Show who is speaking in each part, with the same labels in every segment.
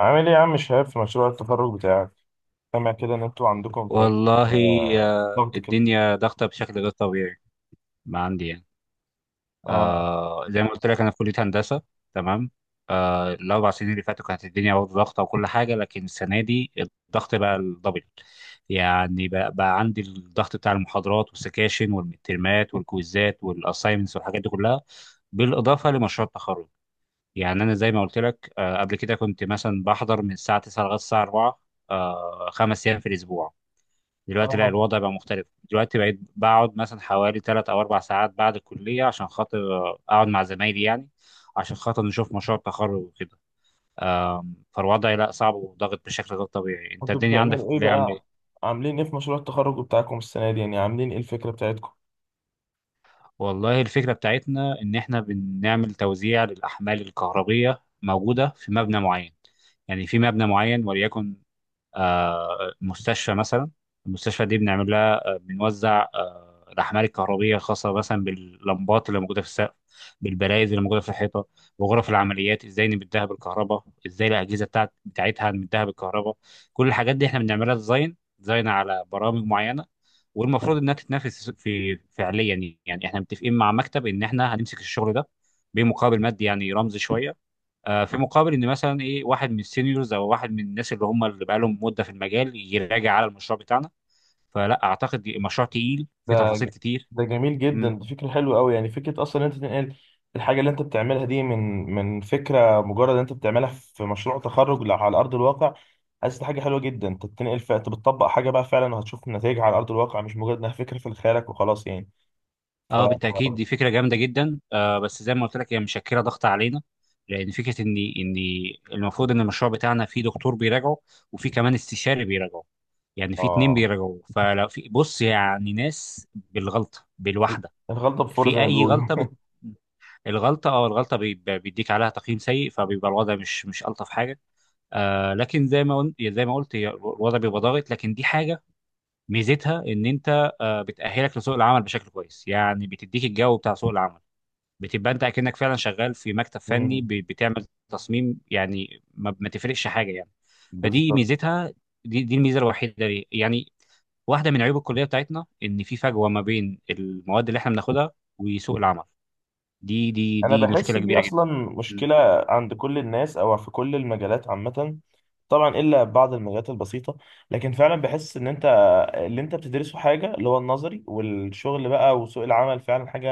Speaker 1: عامل ايه يا عم شهاب في مشروع التخرج بتاعك؟ سامع كده ان انتوا عندكم شوية
Speaker 2: والله
Speaker 1: آه،
Speaker 2: آه،
Speaker 1: ضغط كده.
Speaker 2: الدنيا ضغطة بشكل غير طبيعي. ما عندي يعني.
Speaker 1: اه
Speaker 2: زي ما قلت لك أنا في كلية هندسة. تمام. الأربع سنين اللي فاتوا كانت الدنيا برضه ضغطة وكل حاجة، لكن السنة دي الضغط بقى الدبل. يعني بقى عندي الضغط بتاع المحاضرات والسكاشن والمترمات والكويزات والأسايمنتس والحاجات دي كلها، بالإضافة لمشروع التخرج. يعني أنا زي ما قلت لك قبل كده كنت مثلا بحضر من الساعة 9 لغاية الساعة 4، خمس أيام في الأسبوع. دلوقتي لا،
Speaker 1: اه
Speaker 2: الوضع بقى مختلف. دلوقتي بقيت بقعد مثلا حوالي ثلاث او اربع ساعات بعد الكليه عشان خاطر، اقعد مع زمايلي يعني، عشان خاطر نشوف مشروع التخرج وكده. فالوضع لا صعب وضاغط بشكل غير طبيعي. انت
Speaker 1: انتوا
Speaker 2: الدنيا عندك في
Speaker 1: بتعملوا ايه
Speaker 2: الكليه عامله ايه؟
Speaker 1: بقى؟ عاملين ايه في مشروع التخرج بتاعكم السنة دي؟ يعني عاملين ايه الفكرة بتاعتكم؟
Speaker 2: والله الفكره بتاعتنا ان احنا بنعمل توزيع للاحمال الكهربيه موجوده في مبنى معين. يعني في مبنى معين، وليكن مستشفى مثلا. المستشفى دي بنعمل لها، بنوزع الأحمال الكهربية الخاصة مثلا باللمبات اللي موجودة في السقف، بالبرايز اللي موجودة في الحيطة، وغرف العمليات ازاي نمدها بالكهرباء، ازاي الأجهزة بتاعتها نمدها بالكهرباء. كل الحاجات دي احنا بنعملها ديزاين ديزاين على برامج معينة. والمفروض انها تتنافس في فعليا. يعني احنا متفقين مع مكتب ان احنا هنمسك الشغل ده بمقابل مادي، يعني رمزي شوية، في مقابل ان مثلا ايه واحد من السينيورز او واحد من الناس اللي هم اللي بقالهم مده في المجال يراجع على المشروع بتاعنا. فلا اعتقد مشروع تقيل في
Speaker 1: ده
Speaker 2: تفاصيل
Speaker 1: ج-
Speaker 2: كتير.
Speaker 1: ده جميل جدا،
Speaker 2: مم.
Speaker 1: دي فكرة حلوة قوي، يعني فكرة اصلا ان انت تنقل الحاجة اللي انت بتعملها دي من فكرة مجرد إن انت بتعملها في مشروع تخرج لا على ارض الواقع. حاسس دي حاجة حلوة جدا، انت بتنقل انت بتطبق حاجة بقى فعلا وهتشوف نتائجها على ارض الواقع، مش مجرد انها فكرة في خيالك وخلاص يعني. ف
Speaker 2: اه، بالتاكيد دي فكره جامده جدا. بس زي ما قلت لك هي مشكله ضغط علينا، لان فكره ان المفروض ان المشروع بتاعنا فيه دكتور بيراجعه، وفي كمان استشاري بيراجعه. يعني في اتنين
Speaker 1: اه
Speaker 2: بيراجعوا. فلو في بص يعني ناس بالغلطه بالواحده،
Speaker 1: الغلطة بفور زي
Speaker 2: في
Speaker 1: ما
Speaker 2: اي
Speaker 1: بيقولوا
Speaker 2: غلطه. الغلطة بيديك عليها تقييم سيء، فبيبقى الوضع مش ألطف حاجة. لكن زي ما قلت هي الوضع بيبقى ضاغط، لكن دي حاجة ميزتها إن أنت بتأهلك لسوق العمل بشكل كويس. يعني بتديك الجو بتاع سوق العمل. بتبقى أنت أكنك فعلا شغال في مكتب فني،
Speaker 1: مم.
Speaker 2: بتعمل تصميم. يعني ما تفرقش حاجة يعني. فدي
Speaker 1: بالظبط.
Speaker 2: ميزتها. دي الميزة الوحيدة ليه يعني. واحدة من عيوب الكلية بتاعتنا إن في فجوة ما بين المواد اللي إحنا بناخدها وسوق العمل. دي دي
Speaker 1: انا
Speaker 2: دي
Speaker 1: بحس
Speaker 2: مشكلة
Speaker 1: دي
Speaker 2: كبيرة
Speaker 1: اصلا
Speaker 2: جدا. مم.
Speaker 1: مشكله عند كل الناس او في كل المجالات عامه، طبعا الا بعض المجالات البسيطه. لكن فعلا بحس ان انت اللي انت بتدرسه حاجه اللي هو النظري، والشغل بقى وسوق العمل فعلا حاجه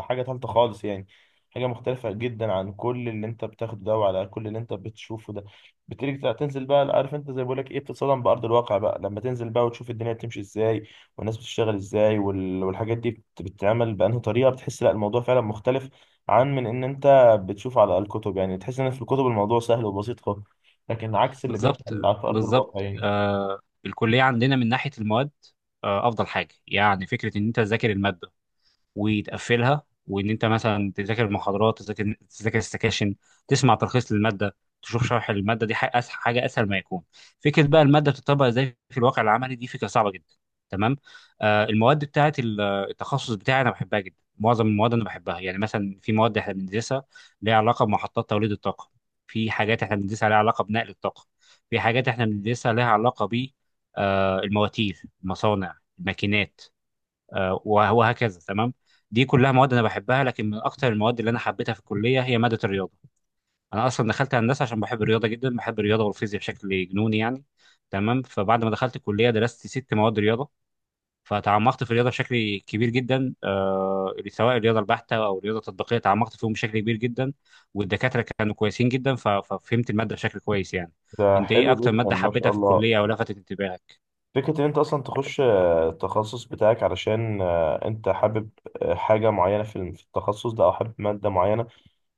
Speaker 1: حاجه تالته خالص يعني، حاجه مختلفه جدا عن كل اللي انت بتاخده ده وعلى كل اللي انت بتشوفه ده. بتيجي تنزل بقى، عارف انت زي بقول لك ايه، بتتصدم بارض الواقع بقى لما تنزل بقى وتشوف الدنيا بتمشي ازاي والناس بتشتغل ازاي والحاجات دي بتتعمل بانهي طريقه، بتحس لا الموضوع فعلا مختلف عن من ان انت بتشوف على الكتب. يعني تحس ان في الكتب الموضوع سهل وبسيط خالص، لكن عكس اللي
Speaker 2: بالظبط.
Speaker 1: بيحصل على ارض
Speaker 2: بالظبط.
Speaker 1: الواقع يعني.
Speaker 2: آه الكلية عندنا من ناحية المواد أفضل حاجة. يعني فكرة إن أنت تذاكر المادة وتقفلها، وان انت مثلا تذاكر المحاضرات، تذاكر السكاشن، تسمع تلخيص للماده، تشوف شرح الماده، دي حاجه اسهل، حاجه اسهل ما يكون. فكره بقى الماده بتطبق ازاي في الواقع العملي، دي فكره صعبه جدا. تمام. المواد بتاعه التخصص بتاعي انا بحبها جدا. معظم المواد انا بحبها. يعني مثلا في مواد احنا بندرسها ليها علاقه بمحطات توليد الطاقه، في حاجات احنا بندرسها ليها علاقه بنقل الطاقه، في حاجات احنا بندرسها ليها علاقه ب، المواتير، المصانع، الماكينات، وهكذا. تمام. دي كلها مواد انا بحبها، لكن من اكتر المواد اللي انا حبيتها في الكليه هي ماده الرياضه. انا اصلا دخلت هندسه عشان بحب الرياضه جدا. بحب الرياضه والفيزياء بشكل جنوني يعني. تمام. فبعد ما دخلت الكليه درست ست مواد رياضه، فتعمقت في الرياضه بشكل كبير جدا، سواء الرياضه البحته او الرياضه التطبيقيه، تعمقت فيهم بشكل كبير جدا. والدكاتره كانوا كويسين جدا، ففهمت الماده بشكل كويس يعني.
Speaker 1: ده
Speaker 2: انت ايه
Speaker 1: حلو
Speaker 2: اكتر
Speaker 1: جدا
Speaker 2: ماده
Speaker 1: ما شاء
Speaker 2: حبيتها في
Speaker 1: الله.
Speaker 2: الكليه او لفتت انتباهك؟
Speaker 1: فكرة ان انت اصلا تخش التخصص بتاعك علشان انت حابب حاجة معينة في التخصص ده او حابب مادة معينة،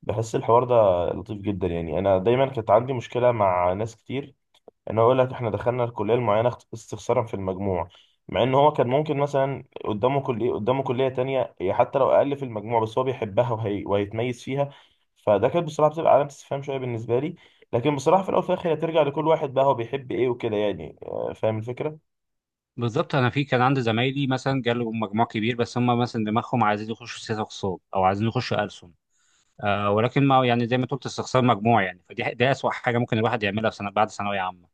Speaker 1: بحس الحوار ده لطيف جدا يعني. انا دايما كانت عندي مشكلة مع ناس كتير، انا اقول لك احنا دخلنا الكليه المعينه استخسارا في المجموع، مع ان هو كان ممكن مثلا قدامه كليه قدامه كليه تانية هي حتى لو اقل في المجموع بس هو بيحبها وهيتميز فيها. فده كانت بصراحه بتبقى علامه استفهام شويه بالنسبه لي. لكن بصراحه في الاول وفي الاخر هي ترجع لكل واحد بقى هو بيحب ايه وكده يعني، فاهم الفكره.
Speaker 2: بالظبط. انا في كان عندي زمايلي مثلا جاله مجموع كبير، بس هم مثلا دماغهم عايزين يخشوا سياسه اقتصاد او عايزين يخشوا ألسن، ولكن ما يعني زي ما قلت استخسار مجموع يعني. فدي، دي اسوأ حاجه ممكن الواحد يعملها في سنه بعد ثانويه عامه.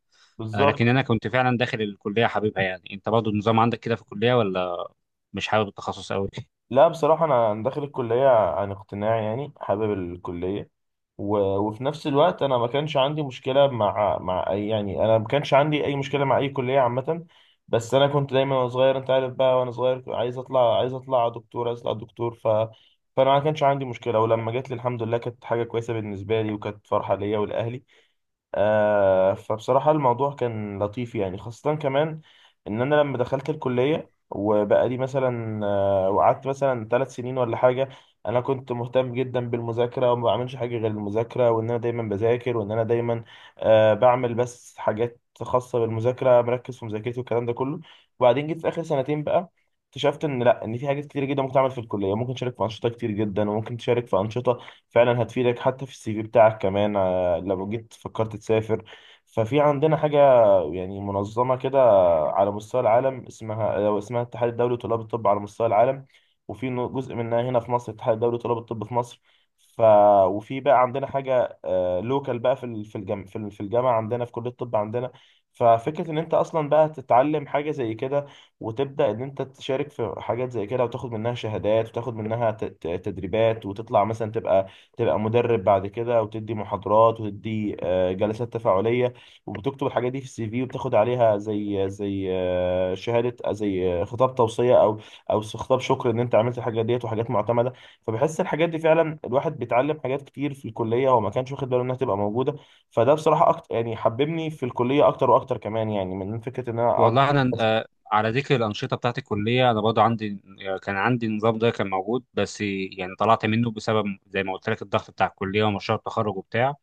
Speaker 2: لكن
Speaker 1: بالظبط.
Speaker 2: انا كنت فعلا داخل الكليه حبيبها يعني. انت برضه النظام عندك كده في الكليه، ولا مش حابب التخصص قوي؟
Speaker 1: لا بصراحه انا داخل الكليه عن اقتناع يعني، حابب الكليه. وفي نفس الوقت انا ما كانش عندي مشكله مع مع أي، يعني انا ما كانش عندي اي مشكله مع اي كليه عامه. بس انا كنت دايما وانا صغير، انت عارف بقى وانا صغير كنت عايز اطلع، عايز اطلع دكتور، عايز اطلع دكتور. فانا ما كانش عندي مشكله، ولما جات لي الحمد لله كانت حاجه كويسه بالنسبه لي وكانت فرحه ليا ولاهلي. آه فبصراحة الموضوع كان لطيف يعني، خاصة كمان إن أنا لما دخلت الكلية وبقى لي مثلا آه وقعدت مثلا ثلاث سنين ولا حاجة، أنا كنت مهتم جدا بالمذاكرة، وما بعملش حاجة غير المذاكرة، وإن أنا دايما بذاكر، وإن أنا دايما آه بعمل بس حاجات خاصة بالمذاكرة، مركز في مذاكرتي والكلام ده كله. وبعدين جيت في آخر سنتين بقى اكتشفت ان لا، ان في حاجات كتير جدا ممكن تعمل في الكليه، ممكن تشارك في انشطه كتير جدا، وممكن تشارك في انشطه فعلا هتفيدك حتى في السي في بتاعك كمان لو جيت فكرت تسافر. ففي عندنا حاجة يعني منظمة كده على مستوى العالم اسمها الاتحاد الدولي لطلاب الطب على مستوى العالم، جزء منها هنا في مصر، الاتحاد الدولي لطلاب الطب في مصر. ف وفي بقى عندنا حاجة لوكال بقى في الجامعة، في الجامعة عندنا في كلية الطب عندنا. ففكرة إن أنت أصلا بقى تتعلم حاجة زي كده، وتبدأ إن أنت تشارك في حاجات زي كده وتاخد منها شهادات وتاخد منها تدريبات، وتطلع مثلا تبقى مدرب بعد كده وتدي محاضرات وتدي جلسات تفاعلية، وبتكتب الحاجات دي في السي في وبتاخد عليها زي شهادة، زي خطاب توصية أو أو خطاب شكر إن أنت عملت الحاجات ديت، وحاجات معتمدة. فبحس الحاجات دي فعلا الواحد بيتعلم حاجات كتير في الكلية وما كانش واخد باله إنها تبقى موجودة. فده بصراحة أكتر يعني حببني في الكلية أكتر وأكتر كمان، يعني من فكرة إن أنا أقعد.
Speaker 2: والله انا، على ذكر الانشطه بتاعت الكليه انا برضه عندي، كان عندي النظام ده كان موجود، بس يعني طلعت منه بسبب زي ما قلت لك الضغط بتاع الكليه ومشروع التخرج وبتاع.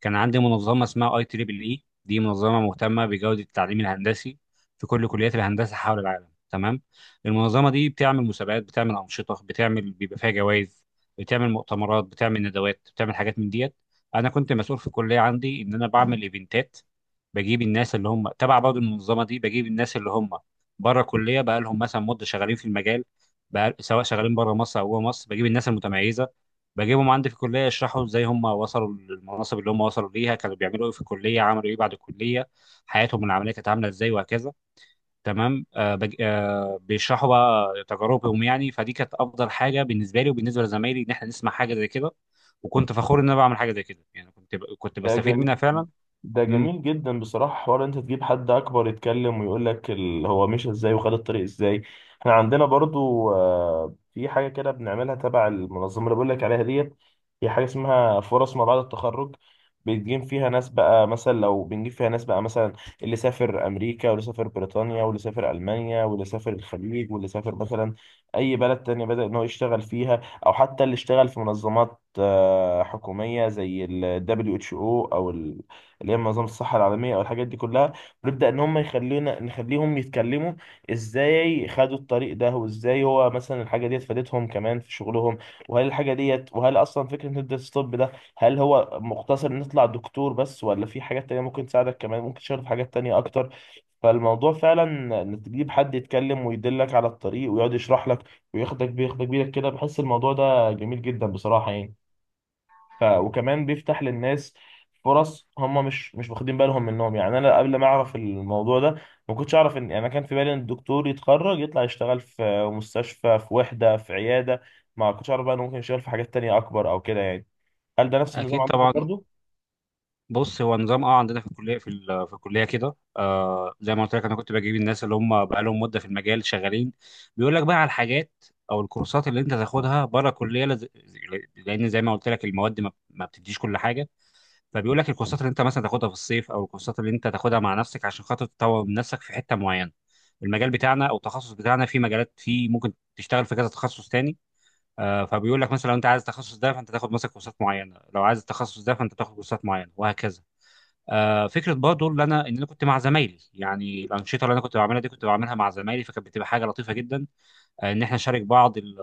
Speaker 2: كان عندي منظمه اسمها اي تريبل اي، دي منظمه مهتمه بجوده التعليم الهندسي في كل كليات الهندسه حول العالم. تمام. المنظمه دي بتعمل مسابقات، بتعمل انشطه، بتعمل بيبقى فيها جوائز، بتعمل مؤتمرات، بتعمل ندوات، بتعمل حاجات من ديت. انا كنت مسؤول في الكليه عندي ان انا بعمل ايفنتات، بجيب الناس اللي هم تبع برضه المنظمه دي، بجيب الناس اللي هم بره كليه بقى لهم مثلا مده شغالين في المجال، بقى سواء شغالين بره مصر او جوه مصر، بجيب الناس المتميزه، بجيبهم عندي في الكليه يشرحوا ازاي هم وصلوا للمناصب اللي هم وصلوا ليها، كانوا بيعملوا ايه في الكليه، عملوا ايه بعد الكليه، حياتهم العمليه كانت عامله ازاي، وهكذا. تمام. آه بج... آه بيشرحوا بقى تجاربهم يعني. فدي كانت افضل حاجه بالنسبه لي وبالنسبه لزمايلي ان احنا نسمع حاجه زي كده. وكنت فخور ان انا بعمل حاجه زي كده يعني. كنت
Speaker 1: ده
Speaker 2: بستفيد منها
Speaker 1: جميل
Speaker 2: فعلا.
Speaker 1: ده
Speaker 2: امم.
Speaker 1: جميل جدا بصراحة، حوار انت تجيب حد اكبر يتكلم ويقول لك هو مشى ازاي وخد الطريق ازاي. احنا عندنا برضو في حاجة كده بنعملها تبع المنظمة اللي بقول لك عليها ديت، هي حاجة اسمها فرص ما بعد التخرج، بنجيب فيها ناس بقى مثلا، لو بنجيب فيها ناس بقى مثلا اللي سافر امريكا واللي سافر بريطانيا واللي سافر المانيا واللي سافر الخليج واللي سافر مثلا اي بلد تانية بدأ ان هو يشتغل فيها، او حتى اللي اشتغل في منظمات حكوميه زي ال WHO اللي هي منظمه الصحه العالميه او الحاجات دي كلها. ونبدا ان هم يخلونا نخليهم يتكلموا ازاي خدوا الطريق ده، وازاي هو مثلا الحاجه ديت فادتهم كمان في شغلهم، وهل الحاجه ديت وهل اصلا فكره هندسه الطب ده، هل هو مقتصر ان تطلع دكتور بس ولا في حاجات تانية ممكن تساعدك كمان، ممكن تشتغل في حاجات تانية اكتر. فالموضوع فعلا ان تجيب حد يتكلم ويدلك على الطريق ويقعد يشرح لك وياخدك، بياخدك بيدك كده، بحس الموضوع ده جميل جدا بصراحة يعني. وكمان بيفتح للناس فرص هم مش واخدين بالهم منهم، يعني انا قبل ما اعرف الموضوع ده ما كنتش اعرف ان، يعني انا كان في بالي ان الدكتور يتخرج يطلع يشتغل في مستشفى في وحدة في عيادة، ما كنتش اعرف بقى انه ممكن يشتغل في حاجات تانية اكبر او كده يعني. هل ده نفس النظام
Speaker 2: اكيد
Speaker 1: عندكم
Speaker 2: طبعا.
Speaker 1: برضو؟
Speaker 2: بص، هو نظام عندنا في الكليه، في الكليه كده، زي ما قلت لك انا كنت بجيب الناس اللي هم بقى لهم مده في المجال شغالين، بيقول لك بقى على الحاجات او الكورسات اللي انت تاخدها بره الكليه، لان زي ما قلت لك المواد ما بتديش كل حاجه. فبيقول لك الكورسات اللي انت مثلا تاخدها في الصيف او الكورسات اللي انت تاخدها مع نفسك عشان خاطر تطور من نفسك في حته معينه. المجال بتاعنا او التخصص بتاعنا في مجالات، في ممكن تشتغل في كذا تخصص تاني. فبيقول لك مثلا لو انت عايز التخصص ده فانت تاخد مثلا كورسات معينه، لو عايز التخصص ده فانت تاخد كورسات معينه، وهكذا. فكره برضه اللي انا ان انا كنت مع زمايلي. يعني الانشطه اللي انا كنت بعملها دي كنت بعملها مع زمايلي، فكانت بتبقى حاجه لطيفه جدا. ان احنا نشارك بعض ال-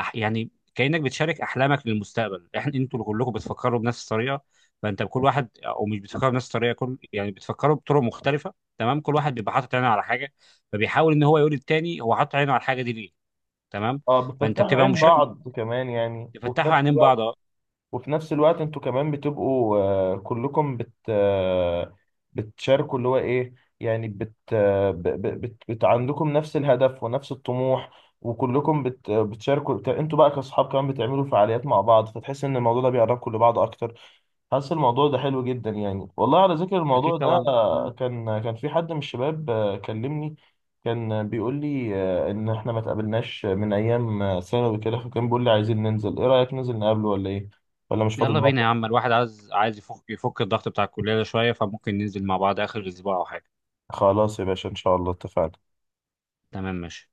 Speaker 2: أح- يعني كانك بتشارك احلامك للمستقبل. انتوا كلكم بتفكروا بنفس الطريقه. فانت بكل واحد، او مش بتفكروا بنفس الطريقه، كل يعني بتفكروا بطرق مختلفه. تمام. كل واحد بيبقى حاطط عينه على حاجه، فبيحاول ان هو يقول للتاني هو حاطط عينه على الحاجه دي ليه. تمام.
Speaker 1: اه
Speaker 2: فانت
Speaker 1: بتفتحوا
Speaker 2: بتبقى
Speaker 1: عين
Speaker 2: مشارك،
Speaker 1: بعض كمان يعني، وفي
Speaker 2: بتفتحوا
Speaker 1: نفس
Speaker 2: عينين بعض.
Speaker 1: الوقت.
Speaker 2: أه.
Speaker 1: وفي نفس الوقت انتوا كمان بتبقوا كلكم بت آه، بتشاركوا اللي هو ايه، يعني بت, آه، ب- ب- بت, بت عندكم نفس الهدف ونفس الطموح، وكلكم بت آه، بتشاركوا انتوا بقى كاصحاب كمان بتعملوا فعاليات مع بعض فتحس ان الموضوع ده بيقربكم لبعض اكتر. حاسس الموضوع ده حلو جدا يعني. والله على ذكر الموضوع
Speaker 2: اكيد
Speaker 1: ده
Speaker 2: طبعا.
Speaker 1: كان في حد من الشباب كلمني، كان بيقول لي ان احنا ما اتقابلناش من ايام ثانوي كده، فكان بيقول لي عايزين ننزل ايه رأيك ننزل نقابله ولا ايه، ولا مش فاضي
Speaker 2: يلا بينا
Speaker 1: النهارده.
Speaker 2: يا عم. الواحد عايز يفك الضغط بتاع الكلية ده شوية. فممكن ننزل مع بعض آخر أسبوع أو حاجة.
Speaker 1: خلاص يا باشا ان شاء الله اتفقنا.
Speaker 2: تمام، ماشي.